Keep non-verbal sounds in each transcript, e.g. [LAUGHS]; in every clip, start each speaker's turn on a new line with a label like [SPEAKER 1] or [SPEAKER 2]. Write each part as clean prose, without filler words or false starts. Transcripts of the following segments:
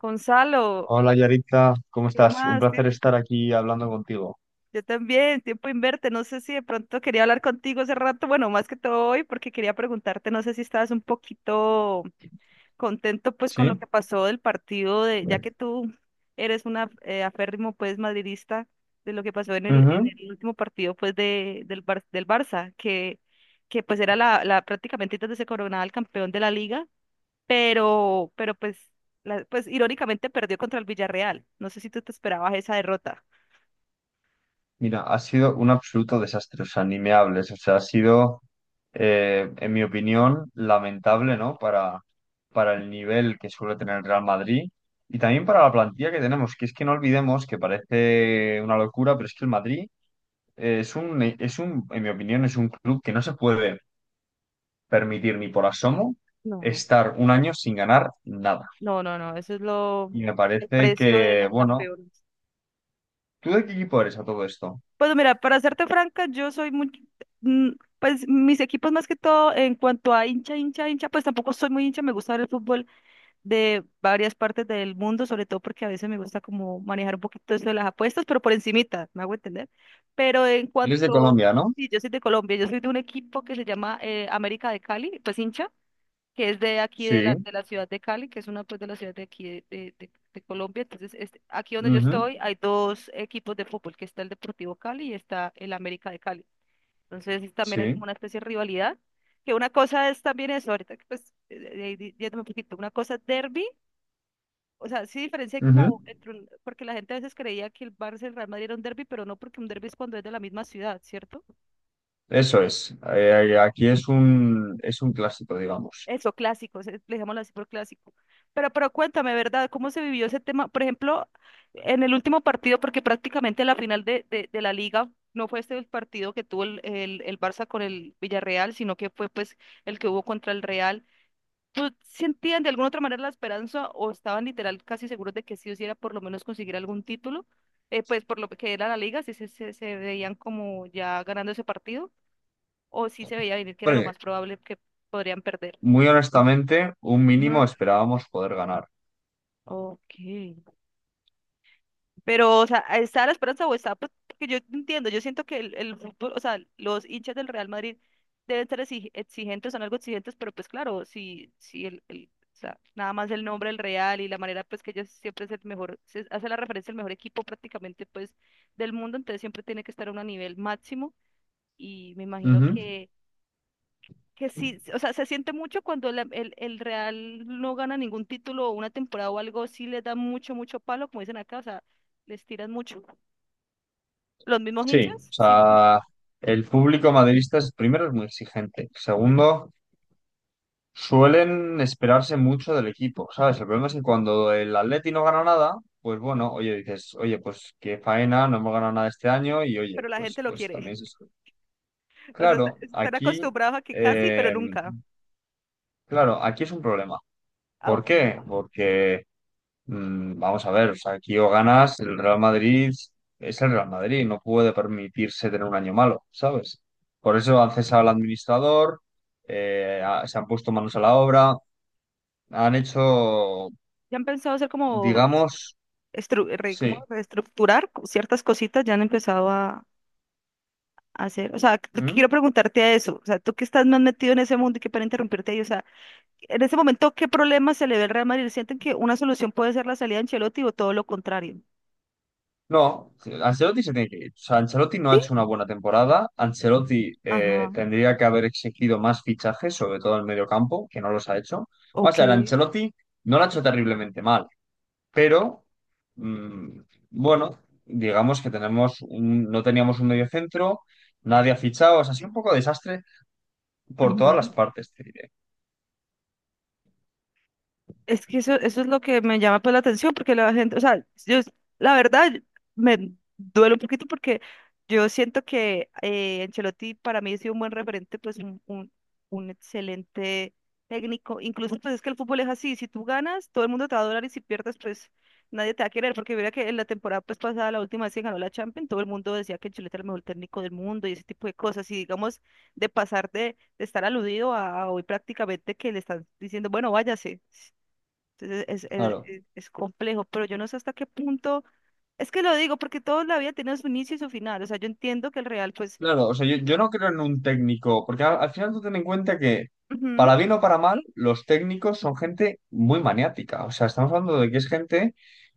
[SPEAKER 1] Gonzalo,
[SPEAKER 2] Hola Yaritza, ¿cómo
[SPEAKER 1] ¿qué
[SPEAKER 2] estás? Un
[SPEAKER 1] más?
[SPEAKER 2] placer estar aquí hablando contigo.
[SPEAKER 1] Yo también, tiempo inverte. No sé si de pronto quería hablar contigo hace rato, bueno, más que todo hoy, porque quería preguntarte, no sé si estabas un poquito contento pues con
[SPEAKER 2] ¿Sí?
[SPEAKER 1] lo que pasó del partido de, ya que
[SPEAKER 2] Bien.
[SPEAKER 1] tú eres una aférrimo pues madridista, de lo que pasó en
[SPEAKER 2] Ujú.
[SPEAKER 1] el último partido pues de, del, del Barça, que pues era la, la prácticamente entonces se coronaba el campeón de la liga pero pues, pues irónicamente perdió contra el Villarreal. No sé si tú te esperabas esa derrota.
[SPEAKER 2] Mira, ha sido un absoluto desastre, o sea, ni me hables, o sea, ha sido, en mi opinión, lamentable, ¿no? Para el nivel que suele tener el Real Madrid y también para la plantilla que tenemos, que es que no olvidemos que parece una locura, pero es que el Madrid es un, en mi opinión, es un club que no se puede permitir ni por asomo
[SPEAKER 1] No, no.
[SPEAKER 2] estar un año sin ganar nada.
[SPEAKER 1] No, no, no, eso es lo,
[SPEAKER 2] Y me
[SPEAKER 1] el
[SPEAKER 2] parece
[SPEAKER 1] precio de
[SPEAKER 2] que,
[SPEAKER 1] los
[SPEAKER 2] bueno,
[SPEAKER 1] campeones.
[SPEAKER 2] ¿tú de qué equipo eres a todo esto?
[SPEAKER 1] Pues mira, para serte franca, yo soy muy, mm, pues mis equipos más que todo en cuanto a hincha, hincha, hincha, pues tampoco soy muy hincha, me gusta ver el fútbol de varias partes del mundo, sobre todo porque a veces me gusta como manejar un poquito eso de las apuestas, pero por encimita, me hago entender. Pero en
[SPEAKER 2] Él es de
[SPEAKER 1] cuanto,
[SPEAKER 2] Colombia, ¿no?
[SPEAKER 1] sí, yo soy de Colombia, yo soy de un equipo que se llama América de Cali, pues hincha, que es de aquí
[SPEAKER 2] Sí,
[SPEAKER 1] de la ciudad de Cali, que es una pues de la ciudad de aquí de, de Colombia. Entonces, este, aquí donde yo
[SPEAKER 2] ujú,
[SPEAKER 1] estoy hay dos equipos de fútbol, que está el Deportivo Cali y está el América de Cali. Entonces, también hay como
[SPEAKER 2] sí,
[SPEAKER 1] una especie de rivalidad, que una cosa es también eso, ahorita que pues, yéndome un poquito, una cosa es derbi, o sea, sí diferencia hay
[SPEAKER 2] ujú.
[SPEAKER 1] como entre porque la gente a veces creía que el Barça y el Real Madrid era un derbi, pero no porque un derbi es cuando es de la misma ciudad, ¿cierto?
[SPEAKER 2] Eso es. Aquí es un clásico, digamos.
[SPEAKER 1] Eso, clásicos le llamamos así por clásico. Pero cuéntame, ¿verdad? ¿Cómo se vivió ese tema? Por ejemplo, en el último partido, porque prácticamente la final de la liga no fue este el partido que tuvo el Barça con el Villarreal, sino que fue pues el que hubo contra el Real. ¿Tú sentían de alguna otra manera la esperanza o estaban literal casi seguros de que sí o sí era por lo menos conseguir algún título? Pues por lo que era la liga, si se, se, se veían como ya ganando ese partido o si se veía venir que era lo
[SPEAKER 2] Bueno,
[SPEAKER 1] más probable que podrían perder.
[SPEAKER 2] muy honestamente, un mínimo
[SPEAKER 1] Ujú.
[SPEAKER 2] esperábamos poder ganar.
[SPEAKER 1] Ok. Pero, o sea, ¿está la esperanza o está? Pues, porque yo entiendo, yo siento que el fútbol, o sea, los hinchas del Real Madrid deben ser exigentes, son algo exigentes, pero pues claro, si, si el, o sea, nada más el nombre del Real y la manera pues que ellos siempre es el mejor, se hace la referencia al mejor equipo prácticamente pues del mundo, entonces siempre tiene que estar a un nivel máximo y me imagino
[SPEAKER 2] Ujú.
[SPEAKER 1] que sí, o sea, se siente mucho cuando el Real no gana ningún título o una temporada o algo, sí les da mucho, mucho palo, como dicen acá, o sea, les tiran mucho los mismos
[SPEAKER 2] Sí,
[SPEAKER 1] hinchas,
[SPEAKER 2] o
[SPEAKER 1] sí, mismos hinchas,
[SPEAKER 2] sea, el público madridista es, primero es muy exigente, segundo suelen esperarse mucho del equipo, ¿sabes? El problema es que cuando el Atleti no gana nada, pues bueno, oye, dices, oye, pues qué faena, no hemos ganado nada este año y oye,
[SPEAKER 1] pero la gente lo
[SPEAKER 2] pues
[SPEAKER 1] quiere.
[SPEAKER 2] también es esto.
[SPEAKER 1] [LAUGHS] O sea,
[SPEAKER 2] Claro,
[SPEAKER 1] están
[SPEAKER 2] aquí,
[SPEAKER 1] acostumbrados a que casi, pero
[SPEAKER 2] eh,
[SPEAKER 1] nunca.
[SPEAKER 2] claro, aquí es un problema.
[SPEAKER 1] Ah,
[SPEAKER 2] ¿Por
[SPEAKER 1] ok.
[SPEAKER 2] qué? Porque, vamos a ver, o sea, aquí o ganas, el Real Madrid es el Real Madrid, no puede permitirse tener un año malo, ¿sabes? Por eso han cesado al administrador, se han puesto manos a la obra, han hecho,
[SPEAKER 1] Ya han pensado hacer como,
[SPEAKER 2] digamos,
[SPEAKER 1] como
[SPEAKER 2] sí.
[SPEAKER 1] reestructurar ciertas cositas, ya han empezado a hacer. O sea, lo que
[SPEAKER 2] ¿Mm?
[SPEAKER 1] quiero preguntarte a eso. O sea, tú que estás más metido en ese mundo y que para interrumpirte ahí, o sea, en ese momento, ¿qué problema se le ve al Real Madrid? ¿Sienten que una solución puede ser la salida de Ancelotti o todo lo contrario?
[SPEAKER 2] No, Ancelotti se tiene que ir. O sea, Ancelotti no ha
[SPEAKER 1] Sí.
[SPEAKER 2] hecho una buena temporada. Ancelotti
[SPEAKER 1] Ajá.
[SPEAKER 2] tendría que haber exigido más fichajes, sobre todo en el mediocampo, que no los ha hecho. O
[SPEAKER 1] Ok.
[SPEAKER 2] sea, el Ancelotti no lo ha hecho terriblemente mal, pero mm, bueno, digamos que no teníamos un mediocentro, nadie ha fichado, o sea, ha sido un poco desastre por todas las
[SPEAKER 1] Ujú.
[SPEAKER 2] partes, te diré.
[SPEAKER 1] Es que eso es lo que me llama pues la atención, porque la gente, o sea, yo, la verdad, me duele un poquito porque yo siento que Ancelotti para mí ha sido un buen referente, pues un excelente técnico. Incluso pues es que el fútbol es así, si tú ganas, todo el mundo te va a adorar y si pierdes, pues nadie te va a querer, porque mira que en la temporada pues pasada, la última vez que ganó la Champions, todo el mundo decía que Ancelotti era el mejor técnico del mundo y ese tipo de cosas, y digamos, de pasar de estar aludido a hoy prácticamente que le están diciendo, bueno, váyase. Entonces es,
[SPEAKER 2] Claro.
[SPEAKER 1] es complejo, pero yo no sé hasta qué punto. Es que lo digo porque toda la vida tiene su inicio y su final. O sea, yo entiendo que el real, pues,
[SPEAKER 2] Claro, o sea, yo no creo en un técnico, porque al final tú ten en cuenta que,
[SPEAKER 1] ujú,
[SPEAKER 2] para bien o para mal, los técnicos son gente muy maniática. O sea, estamos hablando de que es gente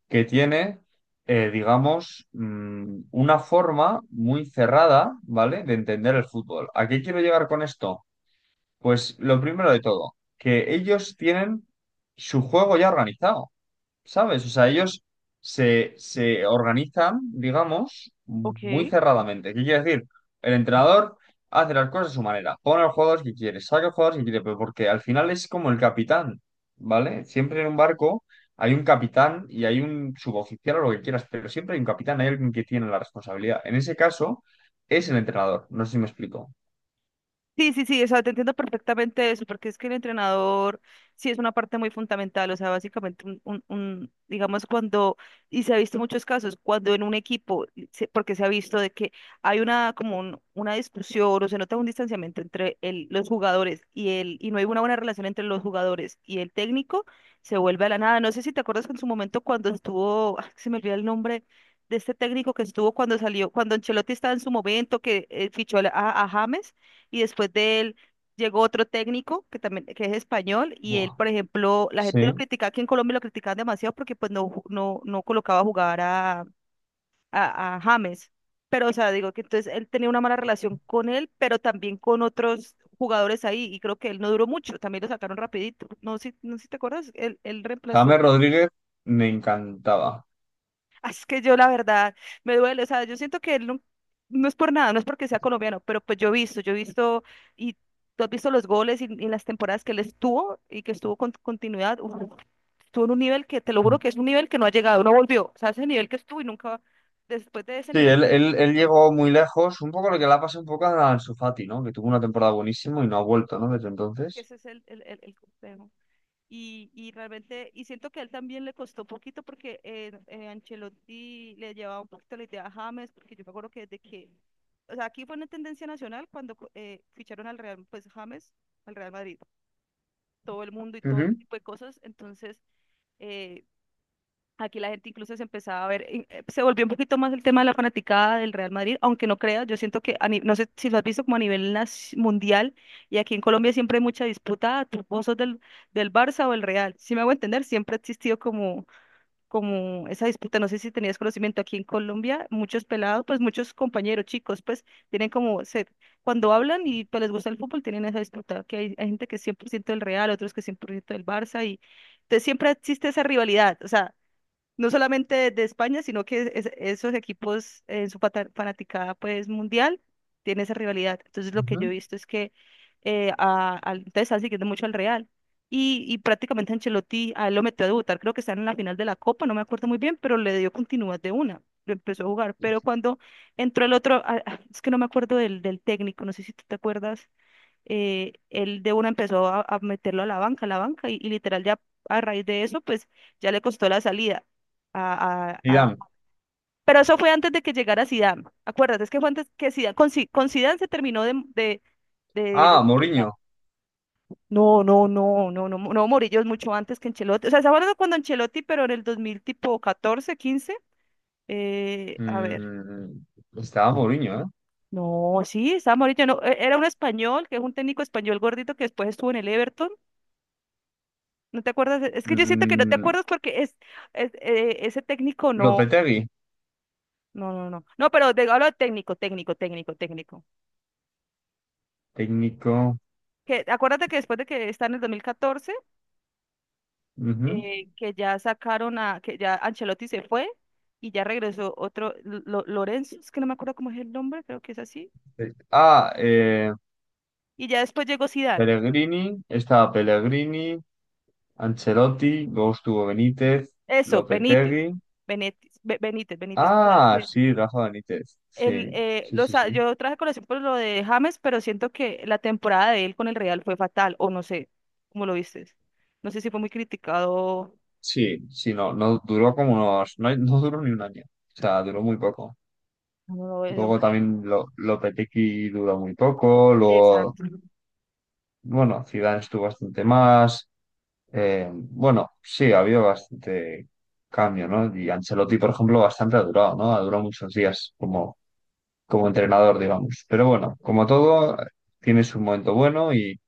[SPEAKER 2] que tiene, digamos, una forma muy cerrada, ¿vale?, de entender el fútbol. ¿A qué quiero llegar con esto? Pues lo primero de todo, que ellos tienen su juego ya organizado. ¿Sabes? O sea, ellos se organizan, digamos, muy
[SPEAKER 1] ok,
[SPEAKER 2] cerradamente. ¿Qué quiere decir? El entrenador hace las cosas a su manera, pone a los jugadores que quiere, saca a los jugadores que quiere, pero porque al final es como el capitán, ¿vale? Siempre en un barco hay un capitán y hay un suboficial o lo que quieras, pero siempre hay un capitán, hay alguien que tiene la responsabilidad. En ese caso, es el entrenador. No sé si me explico.
[SPEAKER 1] sí, sí, sí, o sea, te entiendo perfectamente eso, porque es que el entrenador sí es una parte muy fundamental, o sea, básicamente un, digamos, cuando, y se ha visto muchos casos, cuando en un equipo, y porque se ha visto de que hay una, como una discusión o se nota un distanciamiento entre el, los jugadores y el, y no hay una buena relación entre los jugadores y el técnico, se vuelve a la nada. No sé si te acuerdas que en su momento cuando estuvo, ah, se me olvida el nombre. De este técnico que estuvo cuando salió, cuando Ancelotti estaba en su momento, que fichó a, a James, y después de él llegó otro técnico que también que es español y él,
[SPEAKER 2] Buah.
[SPEAKER 1] por ejemplo, la gente lo
[SPEAKER 2] Sí.
[SPEAKER 1] criticaba, aquí en Colombia lo criticaban demasiado porque pues no, no, no colocaba a jugar a James. Pero, o sea, digo que entonces él tenía una mala relación con él, pero también con otros jugadores ahí y creo que él no duró mucho, también lo sacaron rapidito. No sé, no sé si te acuerdas, él reemplazó.
[SPEAKER 2] James Rodríguez me encantaba.
[SPEAKER 1] Ah, es que yo la verdad me duele, o sea, yo siento que él no, no es por nada, no es porque sea colombiano, pero pues yo he visto y tú has visto los goles y las temporadas que él estuvo y que estuvo con continuidad, uf, estuvo en un nivel que te lo juro que es un nivel que no ha llegado, no volvió, o sea, ese nivel que estuvo y nunca, después de ese
[SPEAKER 2] Sí,
[SPEAKER 1] nivel, no
[SPEAKER 2] él
[SPEAKER 1] volvió.
[SPEAKER 2] llegó muy lejos, un poco lo que le ha pasado un poco a Ansu Fati, ¿no? Que tuvo una temporada buenísima y no ha vuelto, ¿no? Desde entonces.
[SPEAKER 1] Ese es el complejo. Y realmente, y siento que a él también le costó un poquito porque Ancelotti le llevaba un poquito la idea a James, porque yo me acuerdo que desde que, o sea, aquí fue una tendencia nacional cuando ficharon al Real, pues James, al Real Madrid, todo el mundo y todo ese
[SPEAKER 2] Ujú.
[SPEAKER 1] tipo de cosas, entonces, eh, aquí la gente incluso se empezaba a ver, se volvió un poquito más el tema de la fanaticada del Real Madrid, aunque no creas, yo siento que, a no sé si lo has visto como a nivel mundial, y aquí en Colombia siempre hay mucha disputa, ah, tú vos sos del, del Barça o el Real, si me hago entender, siempre ha existido como, como esa disputa, no sé si tenías conocimiento, aquí en Colombia muchos pelados, pues muchos compañeros, chicos, pues tienen como, se, cuando hablan y pues, les gusta el fútbol, tienen esa disputa, que hay gente que es 100% del Real, otros que es 100% del Barça, y entonces siempre existe esa rivalidad, o sea, no solamente de España, sino que esos equipos en su fanaticada pues mundial tienen esa rivalidad. Entonces lo que yo he
[SPEAKER 2] Ujú.
[SPEAKER 1] visto es que entonces están siguiendo mucho al Real. Y prácticamente Ancelotti a él lo metió a debutar, creo que está en la final de la Copa, no me acuerdo muy bien, pero le dio continuidad de una, lo empezó a jugar. Pero cuando entró el otro, es que no me acuerdo del, del técnico, no sé si tú te acuerdas él de una empezó a meterlo a la banca, y literal ya a raíz de eso, pues ya le costó la salida a,
[SPEAKER 2] Zidane.
[SPEAKER 1] pero eso fue antes de que llegara Zidane, acuérdate, es que fue antes que Zidane, con, con Zidane se terminó de, de
[SPEAKER 2] Ah,
[SPEAKER 1] sepultar.
[SPEAKER 2] Mourinho.
[SPEAKER 1] No, no, no, no, no, no, Murillo es mucho antes que Ancelotti, o sea, ¿se acuerdan cuando Ancelotti, pero en el 2000 tipo 14, 15? A ver.
[SPEAKER 2] Mm, estaba Mourinho, ¿eh?
[SPEAKER 1] No, sí, estaba Murillo, no, era un español, que es un técnico español gordito que después estuvo en el Everton, ¿no te acuerdas? Es que yo siento que no te
[SPEAKER 2] Mm,
[SPEAKER 1] acuerdas porque es ese técnico no.
[SPEAKER 2] Lopetegui,
[SPEAKER 1] No, no, no. No, pero de, hablo de técnico, técnico, técnico, técnico.
[SPEAKER 2] técnico.
[SPEAKER 1] Que acuérdate que después de que está en el 2014,
[SPEAKER 2] Ujú.
[SPEAKER 1] que ya sacaron a, que ya Ancelotti se fue y ya regresó otro, Lorenzo, es que no me acuerdo cómo es el nombre, creo que es así.
[SPEAKER 2] Eh, Ah, eh,
[SPEAKER 1] Y ya después llegó Zidane.
[SPEAKER 2] Pellegrini. Estaba Pellegrini. Ancelotti. Luego estuvo Benítez.
[SPEAKER 1] Eso, Benítez.
[SPEAKER 2] Lopetegui.
[SPEAKER 1] Benítez, Benítez, Benítez. ¿Tú sabes
[SPEAKER 2] Ah,
[SPEAKER 1] que
[SPEAKER 2] sí, Rafa Benítez. Sí,
[SPEAKER 1] el,
[SPEAKER 2] sí,
[SPEAKER 1] los,
[SPEAKER 2] sí, sí.
[SPEAKER 1] yo traje colación por lo de James, pero siento que la temporada de él con el Real fue fatal, o no sé, ¿cómo lo viste? No sé si fue muy criticado.
[SPEAKER 2] Sí, sí, no, no duró como unos, no, [LAUGHS] no duró ni un año, o sea, duró muy poco.
[SPEAKER 1] No, no,
[SPEAKER 2] Luego
[SPEAKER 1] hombre.
[SPEAKER 2] también lo, Lopetegui duró muy poco, luego,
[SPEAKER 1] Exacto.
[SPEAKER 2] bueno, Zidane estuvo bastante más, bueno, sí, ha habido bastante cambio, ¿no? Y Ancelotti, por ejemplo, bastante ha durado, ¿no? Ha durado muchos días como, como entrenador, digamos. Pero bueno, como todo, tiene su momento bueno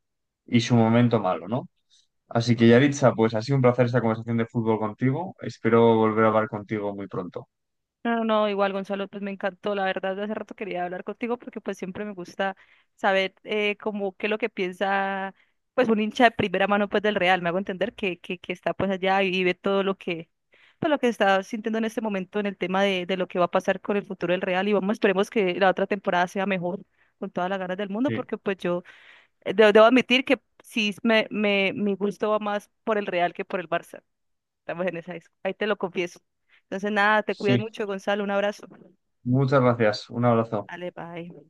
[SPEAKER 2] y su momento malo, ¿no? Así que, Yaritza, pues ha sido un placer esta conversación de fútbol contigo. Espero volver a hablar contigo muy pronto.
[SPEAKER 1] No, no, no, igual Gonzalo, pues me encantó, la verdad, de hace rato quería hablar contigo porque pues siempre me gusta saber como qué es lo que piensa pues un hincha de primera mano pues del Real, me hago entender que está pues allá y vive todo lo que pues lo que está sintiendo en este momento en el tema de lo que va a pasar con el futuro del Real y vamos, esperemos que la otra temporada sea mejor con todas las ganas del mundo
[SPEAKER 2] Sí,
[SPEAKER 1] porque pues yo debo admitir que sí me, mi gusto va más por el Real que por el Barça. Estamos en esa disco. Ahí te lo confieso. Entonces, nada, te cuidas
[SPEAKER 2] sí.
[SPEAKER 1] mucho, Gonzalo. Un abrazo.
[SPEAKER 2] Muchas gracias. Un abrazo.
[SPEAKER 1] Dale, bye.